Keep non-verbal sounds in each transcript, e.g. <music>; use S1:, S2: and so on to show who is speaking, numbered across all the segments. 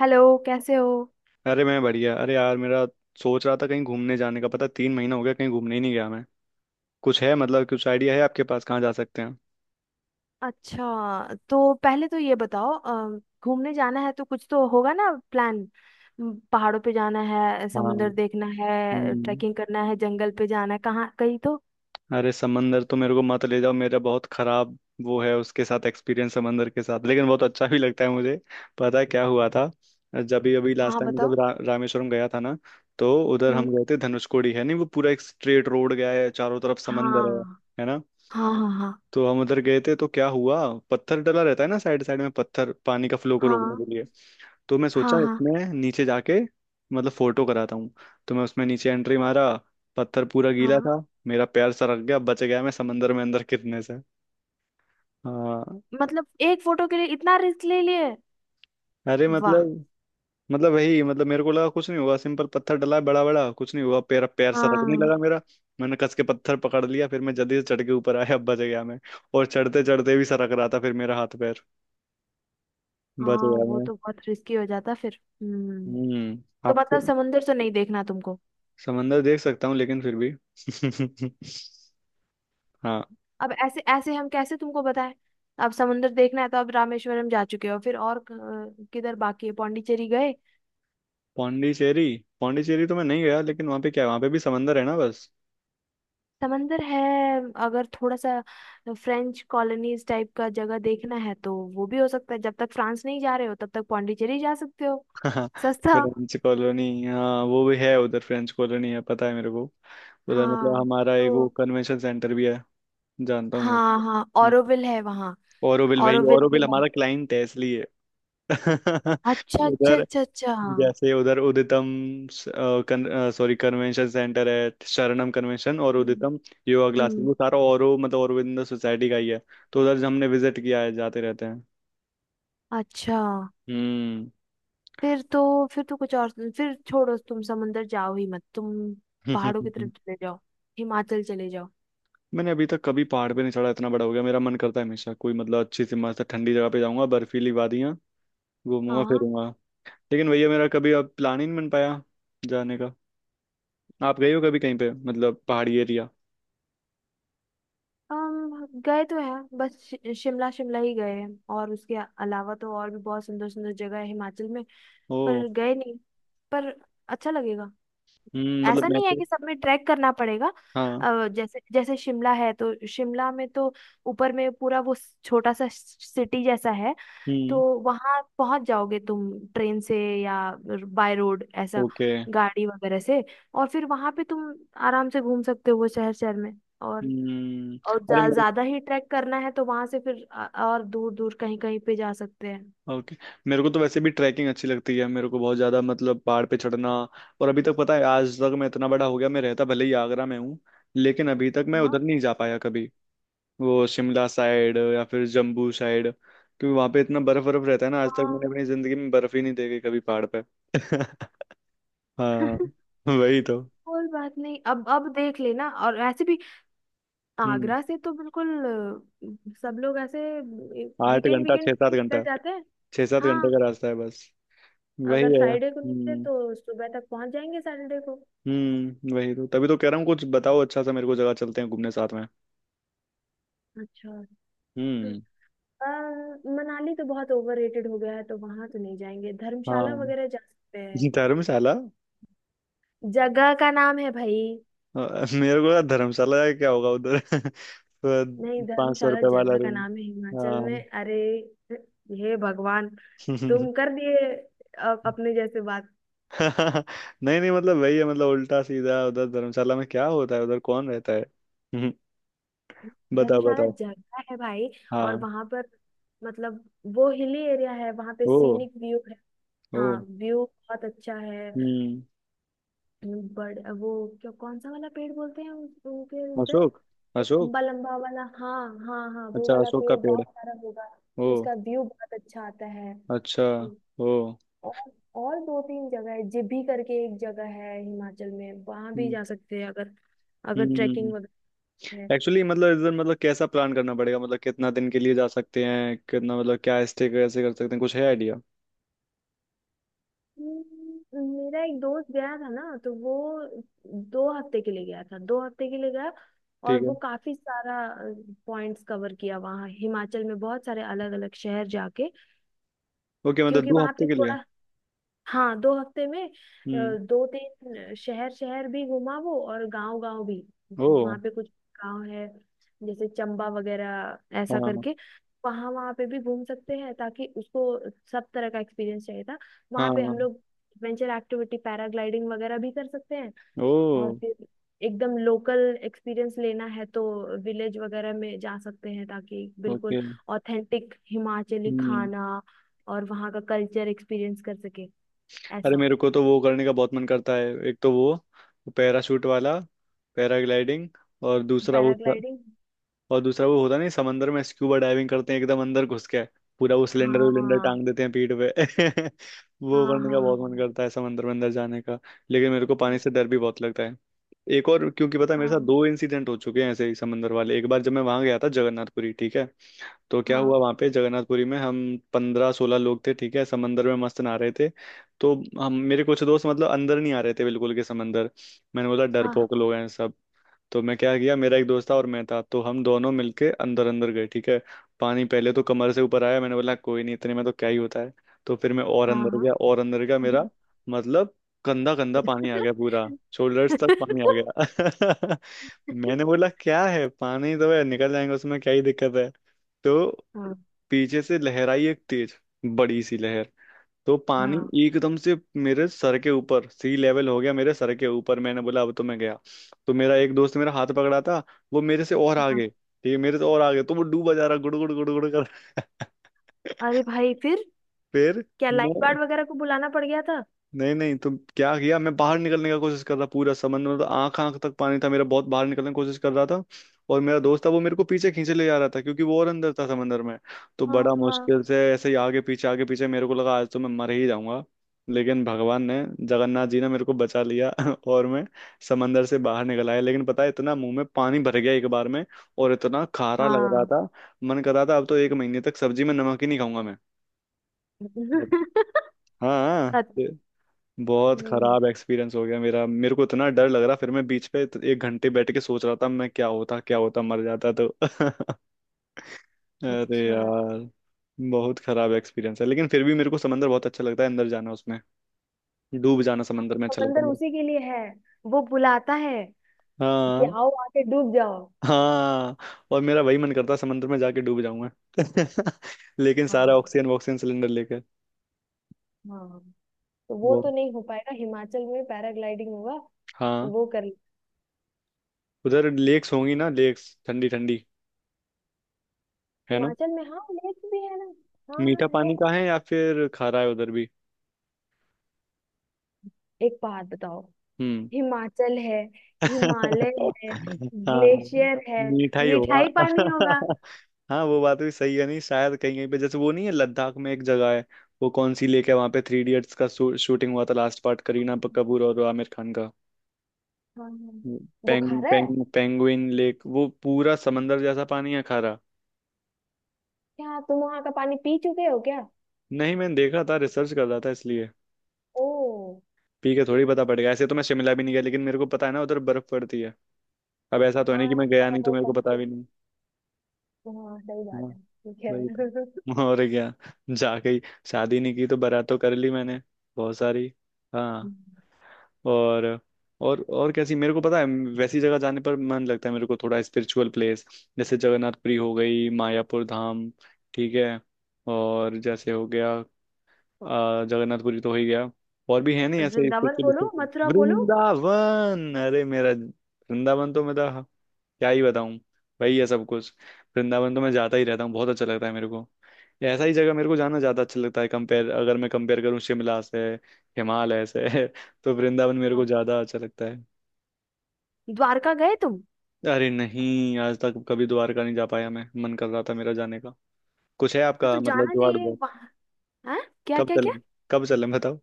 S1: Hello. कैसे हो?
S2: अरे मैं बढ़िया। अरे यार, मेरा सोच रहा था कहीं घूमने जाने का। पता, 3 महीना हो गया कहीं घूमने ही नहीं गया मैं। कुछ है, मतलब कुछ आइडिया है आपके पास कहाँ जा सकते हैं?
S1: अच्छा, तो पहले तो ये बताओ। घूमने जाना है तो कुछ तो होगा ना प्लान। पहाड़ों पे जाना है,
S2: हाँ।
S1: समुंदर देखना है,
S2: हम्म।
S1: ट्रैकिंग करना है, जंगल पे जाना है, कहाँ? कहीं तो।
S2: अरे समंदर तो मेरे को मत ले जाओ। मेरा बहुत खराब वो है उसके साथ एक्सपीरियंस, समंदर के साथ। लेकिन बहुत अच्छा भी लगता है मुझे। पता है क्या हुआ था? जब भी अभी लास्ट
S1: हाँ,
S2: टाइम जब
S1: बताओ।
S2: रामेश्वरम गया था ना, तो उधर हम
S1: हम्म।
S2: गए थे। धनुषकोडी है नहीं, वो पूरा एक स्ट्रेट रोड गया है, चारों तरफ समंदर है।
S1: हाँ
S2: है ना।
S1: हाँ हाँ। हाँ
S2: तो हम उधर गए थे, तो क्या हुआ, पत्थर डला रहता है ना साइड साइड में, पत्थर, पानी का फ्लो को रोकने के लिए। तो मैं
S1: हाँ
S2: सोचा
S1: हाँ। हाँ
S2: इसमें नीचे जाके मतलब फोटो कराता हूँ। तो मैं उसमें नीचे एंट्री मारा। पत्थर पूरा गीला
S1: हाँ।
S2: था, मेरा पैर सरक गया, बच गया मैं समंदर में अंदर गिरने से। हाँ।
S1: मतलब एक फोटो के लिए इतना रिस्क ले लिए?
S2: अरे
S1: वाह।
S2: मतलब वही मतलब मेरे को लगा कुछ नहीं हुआ, सिंपल पत्थर डला है बड़ा बड़ा, कुछ नहीं हुआ, पैर पैर सरकने
S1: हाँ
S2: लगा मेरा। मैंने कस के पत्थर पकड़ लिया, फिर मैं जल्दी से चढ़ के ऊपर आया, बच गया मैं। और चढ़ते चढ़ते भी सरक रहा था फिर मेरा हाथ पैर। बच
S1: हाँ,
S2: गया।
S1: वो तो बहुत रिस्की हो जाता फिर। हम्म।
S2: हम्म,
S1: तो
S2: आपको।
S1: मतलब समुंदर तो नहीं देखना तुमको।
S2: समंदर देख सकता हूँ, लेकिन फिर भी <laughs> हाँ।
S1: अब ऐसे ऐसे हम कैसे तुमको बताएं? अब समंदर देखना है तो अब रामेश्वरम जा चुके हो, फिर और किधर बाकी है? पौंडीचेरी गए?
S2: पौंडीचेरी। पौंडीचेरी तो मैं नहीं गया, लेकिन वहाँ पे क्या है, वहाँ पे भी समंदर है ना बस।
S1: समंदर है। अगर थोड़ा सा फ्रेंच कॉलोनीज टाइप का जगह देखना है तो वो भी हो सकता है। जब तक फ्रांस नहीं जा रहे हो तब तक पौंडीचेरी जा सकते हो।
S2: <laughs>
S1: सस्ता।
S2: फ्रेंच कॉलोनी, हाँ वो भी है उधर, फ्रेंच कॉलोनी है, पता है मेरे को। उधर मतलब
S1: हाँ,
S2: हमारा एक वो
S1: तो
S2: कन्वेंशन सेंटर भी है। जानता हूँ
S1: हाँ हाँ,
S2: मैं।
S1: ऑरोविल है वहाँ।
S2: ओरोविल, वही
S1: ऑरोविल भी
S2: ओरोविल
S1: है।
S2: हमारा क्लाइंट है इसलिए। <laughs>
S1: अच्छा अच्छा
S2: उधर
S1: अच्छा अच्छा। हम्म।
S2: जैसे उधर उदितम, सॉरी कन्वेंशन सेंटर है। शरणम कन्वेंशन और उदितम योगा क्लासेस,
S1: हम्म।
S2: वो सारा औरो मतलब औरविंदो सोसाइटी का ही है। तो उधर हमने विजिट किया है, जाते रहते हैं।
S1: अच्छा।
S2: हम्म।
S1: फिर तो कुछ और। फिर छोड़ो, तुम समंदर जाओ ही मत तुम। पहाड़ों की तरफ
S2: <laughs>
S1: चले जाओ। हिमाचल चले जाओ।
S2: मैंने अभी तक कभी पहाड़ पे नहीं चढ़ा। इतना बड़ा हो गया, मेरा मन करता है हमेशा कोई मतलब अच्छी सी मस्त ठंडी जगह पे जाऊंगा, बर्फीली वादियां घूमूंगा
S1: हाँ।
S2: फिरूंगा। लेकिन भैया मेरा कभी अब प्लान ही नहीं बन पाया जाने का। आप गए हो कभी कहीं पे मतलब पहाड़ी एरिया?
S1: हम गए तो हैं, बस शिमला शिमला ही गए हैं। और उसके अलावा तो और भी बहुत सुंदर सुंदर जगह है हिमाचल में।
S2: ओ।
S1: पर गए नहीं। पर अच्छा लगेगा।
S2: हम्म, मतलब
S1: ऐसा
S2: मैं
S1: नहीं है
S2: तो।
S1: कि सब में ट्रैक करना पड़ेगा।
S2: हाँ।
S1: जैसे जैसे शिमला है तो शिमला में तो ऊपर में पूरा वो छोटा सा सिटी जैसा है। तो
S2: हम्म।
S1: वहां पहुंच जाओगे तुम ट्रेन से, या बाय रोड ऐसा,
S2: ओके।
S1: गाड़ी वगैरह से। और फिर वहां पे तुम आराम से घूम सकते हो वो शहर शहर में। और
S2: हम्म।
S1: और
S2: अरे मेरे।
S1: ज्यादा ही ट्रैक करना है तो वहां से फिर और दूर दूर कहीं कहीं पे जा सकते हैं।
S2: ओके। मेरे को तो वैसे भी ट्रैकिंग अच्छी लगती है, मेरे को बहुत ज्यादा, मतलब पहाड़ पे चढ़ना। और अभी तक पता है, आज तक, मैं इतना बड़ा हो गया, मैं रहता भले ही आगरा में हूँ, लेकिन अभी तक मैं
S1: हाँ
S2: उधर नहीं जा पाया कभी वो शिमला साइड या फिर जम्बू साइड। क्योंकि वहां पे इतना बर्फ बर्फ रहता है ना, आज तक
S1: हाँ।
S2: मैंने अपनी जिंदगी में बर्फ ही नहीं देखी कभी पहाड़ पे। <laughs> हाँ।
S1: <laughs>
S2: वही तो।
S1: कोई बात नहीं, अब देख लेना। और ऐसे भी
S2: हम्म।
S1: आगरा से तो बिल्कुल, सब लोग ऐसे
S2: आठ
S1: वीकेंड
S2: घंटा
S1: वीकेंड
S2: छह
S1: पे
S2: सात
S1: ही निकल
S2: घंटा
S1: जाते हैं।
S2: 6-7 घंटे
S1: हाँ।
S2: का रास्ता है बस।
S1: अगर
S2: वही है।
S1: फ्राइडे को निकले
S2: हम्म।
S1: तो सुबह तक पहुंच जाएंगे सैटरडे को।
S2: हम्म, वही तो, तभी तो कह रहा हूँ कुछ बताओ अच्छा सा मेरे को, जगह चलते हैं घूमने साथ में।
S1: अच्छा।
S2: हम्म।
S1: अ, मनाली तो बहुत ओवररेटेड हो गया है, तो वहां तो नहीं जाएंगे। धर्मशाला
S2: हाँ।
S1: वगैरह जा सकते हैं।
S2: <laughs> धर्मशाला।
S1: जगह का नाम है भाई।
S2: मेरे को लगा धर्मशाला जाके क्या होगा उधर <laughs>
S1: नहीं,
S2: पाँच सौ
S1: धर्मशाला
S2: रुपए वाला
S1: जगह का
S2: रूम।
S1: नाम है हिमाचल
S2: हाँ।
S1: में, अरे। हे भगवान। तुम
S2: <laughs>
S1: कर दिए अपने जैसे बात।
S2: नहीं नहीं, मतलब वही है, मतलब उल्टा सीधा, उधर धर्मशाला में क्या होता है, उधर कौन रहता है <laughs> हम्म। बताओ
S1: धर्मशाला
S2: बताओ।
S1: जगह है भाई। और
S2: हाँ।
S1: वहां पर मतलब वो हिली एरिया है, वहां पे
S2: ओ।
S1: सीनिक व्यू है।
S2: ओ।
S1: हाँ, व्यू बहुत अच्छा है।
S2: हम्म।
S1: बड़ वो क्या, कौन सा वाला पेड़ बोलते हैं उनके उधर?
S2: अशोक।
S1: लंबा
S2: अशोक।
S1: लंबा वाला, हाँ हाँ हाँ, वो
S2: अच्छा,
S1: वाला
S2: अशोक का
S1: पेड़
S2: पेड़।
S1: बहुत सारा होगा।
S2: ओ।
S1: उसका व्यू बहुत अच्छा आता है।
S2: अच्छा।
S1: हम्म।
S2: ओ।
S1: और और दो तीन जगह है, जिभी करके एक जगह है हिमाचल में, वहां भी
S2: हम्म।
S1: जा सकते हैं अगर, अगर
S2: हम्म।
S1: ट्रैकिंग वगैरह है।
S2: एक्चुअली मतलब इधर मतलब कैसा प्लान करना पड़ेगा, मतलब कितना दिन के लिए जा सकते हैं, कितना, मतलब क्या स्टे कैसे कर सकते हैं, कुछ है आइडिया?
S1: मेरा एक दोस्त गया था ना, तो वो दो हफ्ते के लिए गया था, दो हफ्ते के लिए गया। और
S2: ठीक
S1: वो
S2: है।
S1: काफी सारा पॉइंट्स कवर किया वहाँ हिमाचल में, बहुत सारे अलग अलग शहर जाके।
S2: ओके, मतलब
S1: क्योंकि
S2: दो
S1: वहां
S2: हफ्ते
S1: पे
S2: के लिए।
S1: थोड़ा, हाँ, दो हफ्ते में
S2: हम्म।
S1: दो तीन शहर शहर भी घुमा वो, और गांव गांव भी।
S2: ओ।
S1: वहां पे कुछ गांव है जैसे चंबा वगैरह ऐसा
S2: हाँ
S1: करके, वहां वहां पे भी घूम सकते हैं, ताकि उसको सब तरह का एक्सपीरियंस चाहिए था। वहां पे
S2: हाँ।
S1: हम लोग एडवेंचर एक्टिविटी पैराग्लाइडिंग वगैरह भी कर सकते हैं। और
S2: ओ।
S1: फिर एकदम लोकल एक्सपीरियंस लेना है तो विलेज वगैरह में जा सकते हैं, ताकि बिल्कुल
S2: ओके।
S1: ऑथेंटिक हिमाचली
S2: हम्म।
S1: खाना और वहाँ का कल्चर एक्सपीरियंस कर सके,
S2: अरे
S1: ऐसा।
S2: मेरे को तो वो करने का बहुत मन करता है। एक तो वो पैराशूट वाला, पैराग्लाइडिंग। और दूसरा वो,
S1: पैराग्लाइडिंग।
S2: और दूसरा वो होता नहीं, समंदर में स्क्यूबा डाइविंग करते हैं एकदम अंदर घुस के, पूरा वो सिलेंडर विलेंडर टांग
S1: हाँ
S2: देते हैं पीठ पे <laughs> वो
S1: हाँ।
S2: करने का
S1: हाँ
S2: बहुत मन करता है समंदर में अंदर जाने का। लेकिन मेरे को पानी से डर भी बहुत लगता है। एक और, क्योंकि पता है मेरे साथ
S1: हाँ।
S2: दो इंसिडेंट हो चुके हैं ऐसे ही समंदर वाले। एक बार जब मैं वहां गया था जगन्नाथपुरी, ठीक है, तो क्या हुआ
S1: हाँ
S2: वहां पे जगन्नाथपुरी में, हम 15-16 लोग थे, ठीक है, समंदर में मस्त नहा रहे थे। तो हम, मेरे कुछ दोस्त मतलब अंदर नहीं आ रहे थे बिल्कुल के समंदर। मैंने बोला
S1: हाँ।
S2: डरपोक लोग हैं सब। तो मैं क्या किया, मेरा एक दोस्त था और मैं था, तो हम दोनों मिलके अंदर अंदर गए, ठीक है, पानी पहले तो कमर से ऊपर आया। मैंने बोला कोई नहीं, इतने में तो क्या ही होता है। तो फिर मैं और
S1: हाँ हाँ।
S2: अंदर
S1: हाँ
S2: गया, और अंदर गया मेरा, मतलब गंदा गंदा पानी आ गया पूरा, शोल्डर्स तक पानी आ गया। <laughs> मैंने बोला क्या है, पानी तो है, निकल जाएंगे उसमें, क्या ही दिक्कत है। तो
S1: हाँ।
S2: पीछे से लहर आई एक तेज, बड़ी सी लहर। तो पानी
S1: हाँ
S2: एकदम से मेरे सर के ऊपर सी लेवल हो गया, मेरे सर के ऊपर। मैंने बोला अब तो मैं गया। तो मेरा एक दोस्त मेरा हाथ पकड़ा था, वो मेरे से और
S1: हाँ। हाँ।
S2: आगे, ठीक है, मेरे से और आगे, तो वो डूबा जा रहा गुड़ गुड़ गुड़ गुड़ कर।
S1: अरे
S2: <laughs>
S1: भाई, फिर
S2: फिर
S1: क्या लाइफ
S2: मैं।
S1: गार्ड वगैरह को बुलाना पड़ गया था?
S2: नहीं नहीं, तो क्या किया मैं बाहर निकलने का कोशिश कर रहा, पूरा समंदर में तो आंख आंख तक पानी था मेरा, बहुत बाहर निकलने की कोशिश कर रहा था। और मेरा दोस्त था, वो मेरे को पीछे खींचे ले जा रहा था क्योंकि वो और अंदर था समंदर में। तो
S1: हाँ
S2: बड़ा
S1: हाँ
S2: मुश्किल से ऐसे ही आगे पीछे आगे पीछे, मेरे को लगा आज तो मैं मर ही जाऊंगा। लेकिन भगवान ने, जगन्नाथ जी ने मेरे को बचा लिया <laughs> और मैं समंदर से बाहर निकल आया, लेकिन पता है इतना मुंह में पानी भर गया एक बार में, और इतना खारा लग रहा
S1: हाँ।
S2: था, मन कर रहा था अब तो एक महीने तक सब्जी में नमक ही नहीं खाऊंगा मैं।
S1: <laughs>
S2: हाँ हाँ। बहुत खराब
S1: अच्छा।
S2: एक्सपीरियंस हो गया मेरा, मेरे को इतना डर लग रहा, फिर मैं बीच पे तो एक घंटे बैठ के सोच रहा था मैं, क्या होता क्या होता, मर जाता तो <laughs> अरे
S1: अच्छा।
S2: यार, बहुत खराब एक्सपीरियंस है, लेकिन फिर भी मेरे को समंदर बहुत अच्छा लगता है, अंदर जाना उसमें, डूब जाना
S1: हाँ,
S2: समंदर में अच्छा लगता
S1: समंदर
S2: है मेरे को।
S1: उसी के लिए है। वो बुलाता है कि
S2: हाँ।
S1: आओ, आके डूब जाओ।
S2: हाँ, और मेरा वही मन करता है समंदर में जाके डूब जाऊंगा। <laughs> लेकिन सारा
S1: हाँ।
S2: ऑक्सीजन वॉक्सीजन सिलेंडर लेकर।
S1: हाँ, तो वो
S2: वो।
S1: तो नहीं हो पाएगा। हिमाचल में पैराग्लाइडिंग होगा, तो
S2: हाँ।
S1: वो कर।
S2: उधर लेक्स होंगी ना, लेक्स ठंडी ठंडी, है ना।
S1: हिमाचल में, हाँ, लेक भी है ना। हाँ।
S2: मीठा
S1: हाँ,
S2: पानी
S1: है।
S2: का है या फिर खारा है उधर भी?
S1: एक बात बताओ,
S2: हम्म।
S1: हिमाचल है, हिमालय
S2: <laughs>
S1: है,
S2: हाँ।
S1: ग्लेशियर है।
S2: मीठा ही होगा
S1: मिठाई पानी होगा।
S2: <laughs> हाँ, वो बात भी सही है। नहीं शायद कहीं कहीं पे जैसे वो नहीं है, लद्दाख में एक जगह है, वो कौन सी लेक है वहां पे, थ्री इडियट्स का शूटिंग हुआ था लास्ट पार्ट, करीना कपूर और आमिर खान का।
S1: हाँ हाँ, वो खा
S2: पेंग
S1: रहा है।
S2: पेंग पेंगुइन लेक, वो पूरा समंदर जैसा पानी है, खारा।
S1: क्या तुम वहां का पानी पी चुके हो क्या?
S2: नहीं, मैंने देखा था, रिसर्च कर रहा था इसलिए।
S1: ओ।
S2: पी के थोड़ी पता पड़ गया, ऐसे तो मैं शिमला भी नहीं गया लेकिन मेरे को पता है ना उधर बर्फ पड़ती है। अब ऐसा तो है नहीं
S1: हाँ,
S2: कि मैं गया नहीं तो
S1: है,
S2: मेरे को
S1: पता
S2: पता
S1: है।
S2: भी नहीं।
S1: हाँ, सही बात
S2: हाँ।
S1: है, ठीक
S2: वही
S1: है। <laughs>
S2: तो और क्या, जा गई। शादी नहीं की तो बारात तो कर ली मैंने बहुत सारी। हाँ। और, और कैसी मेरे को पता है, वैसी जगह जाने पर मन लगता है मेरे को, थोड़ा स्पिरिचुअल प्लेस। जैसे जगन्नाथपुरी हो गई, मायापुर धाम, ठीक है, और जैसे हो गया जगन्नाथपुरी तो हो ही गया, और भी है नहीं ऐसे
S1: वृंदावन
S2: स्पिरिचुअल
S1: बोलो,
S2: स्पिरिचुअल
S1: मथुरा बोलो।
S2: वृंदावन। अरे मेरा वृंदावन तो मेरा क्या ही बताऊं, वही है सब कुछ। वृंदावन तो मैं जाता ही रहता हूँ, बहुत अच्छा लगता है मेरे को। ये ऐसा ही जगह मेरे को जाना ज्यादा अच्छा लगता है, कंपेयर अगर मैं कंपेयर करूँ शिमला से, हिमालय से <laughs> तो वृंदावन मेरे को
S1: आप
S2: ज्यादा अच्छा लगता है।
S1: द्वारका गए तुम?
S2: अरे नहीं, आज तक कभी द्वारका नहीं जा पाया मैं, मन कर रहा था मेरा जाने का। कुछ है
S1: हाँ, तो
S2: आपका मतलब
S1: जाना
S2: जुगाड़
S1: चाहिए
S2: उधर?
S1: वहाँ। हाँ। क्या
S2: कब
S1: क्या क्या?
S2: चलें, कब चलें बताओ,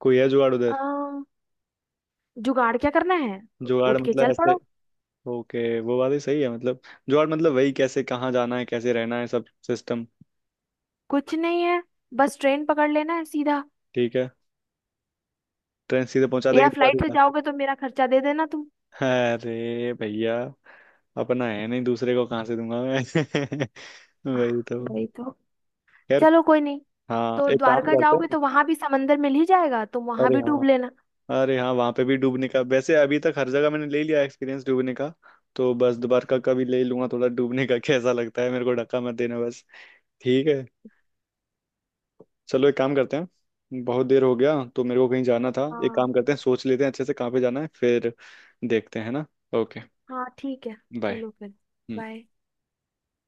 S2: कोई है जुगाड़
S1: अ,
S2: उधर?
S1: जुगाड़ क्या करना है?
S2: जुगाड़
S1: उठ के
S2: मतलब
S1: चल
S2: ऐसे।
S1: पड़ो।
S2: ओके, वो बात ही सही है, मतलब जुगाड़ मतलब वही, कैसे कहाँ जाना है, कैसे रहना है, सब सिस्टम।
S1: कुछ नहीं है। बस ट्रेन पकड़ लेना है सीधा।
S2: ठीक है, ट्रेन सीधे पहुंचा देगी।
S1: या फ्लाइट से जाओगे तो मेरा खर्चा दे देना तुम।
S2: अरे भैया, अपना है नहीं, दूसरे को कहाँ से दूंगा मैं <laughs>
S1: हाँ,
S2: वही तो।
S1: वही तो।
S2: खैर।
S1: चलो कोई नहीं।
S2: हाँ,
S1: तो
S2: एक काम
S1: द्वारका
S2: करते
S1: जाओगे
S2: हैं।
S1: तो वहां भी समंदर मिल ही जाएगा, तुम वहां
S2: अरे
S1: भी
S2: हाँ,
S1: डूब लेना।
S2: अरे हाँ वहाँ पे भी डूबने का। वैसे अभी तक हर जगह मैंने ले लिया एक्सपीरियंस डूबने का, तो बस दोबारा का कभी ले लूंगा थोड़ा, डूबने का <laughs> कैसा लगता है मेरे को, धक्का मत देना बस। ठीक है। चलो एक काम करते हैं, बहुत देर हो गया तो मेरे को कहीं जाना था। एक काम
S1: हाँ,
S2: करते हैं, सोच लेते हैं अच्छे से कहाँ पे जाना है फिर। देखते हैं ना। ओके।
S1: हाँ ठीक है।
S2: बाय।
S1: चलो फिर। बाय।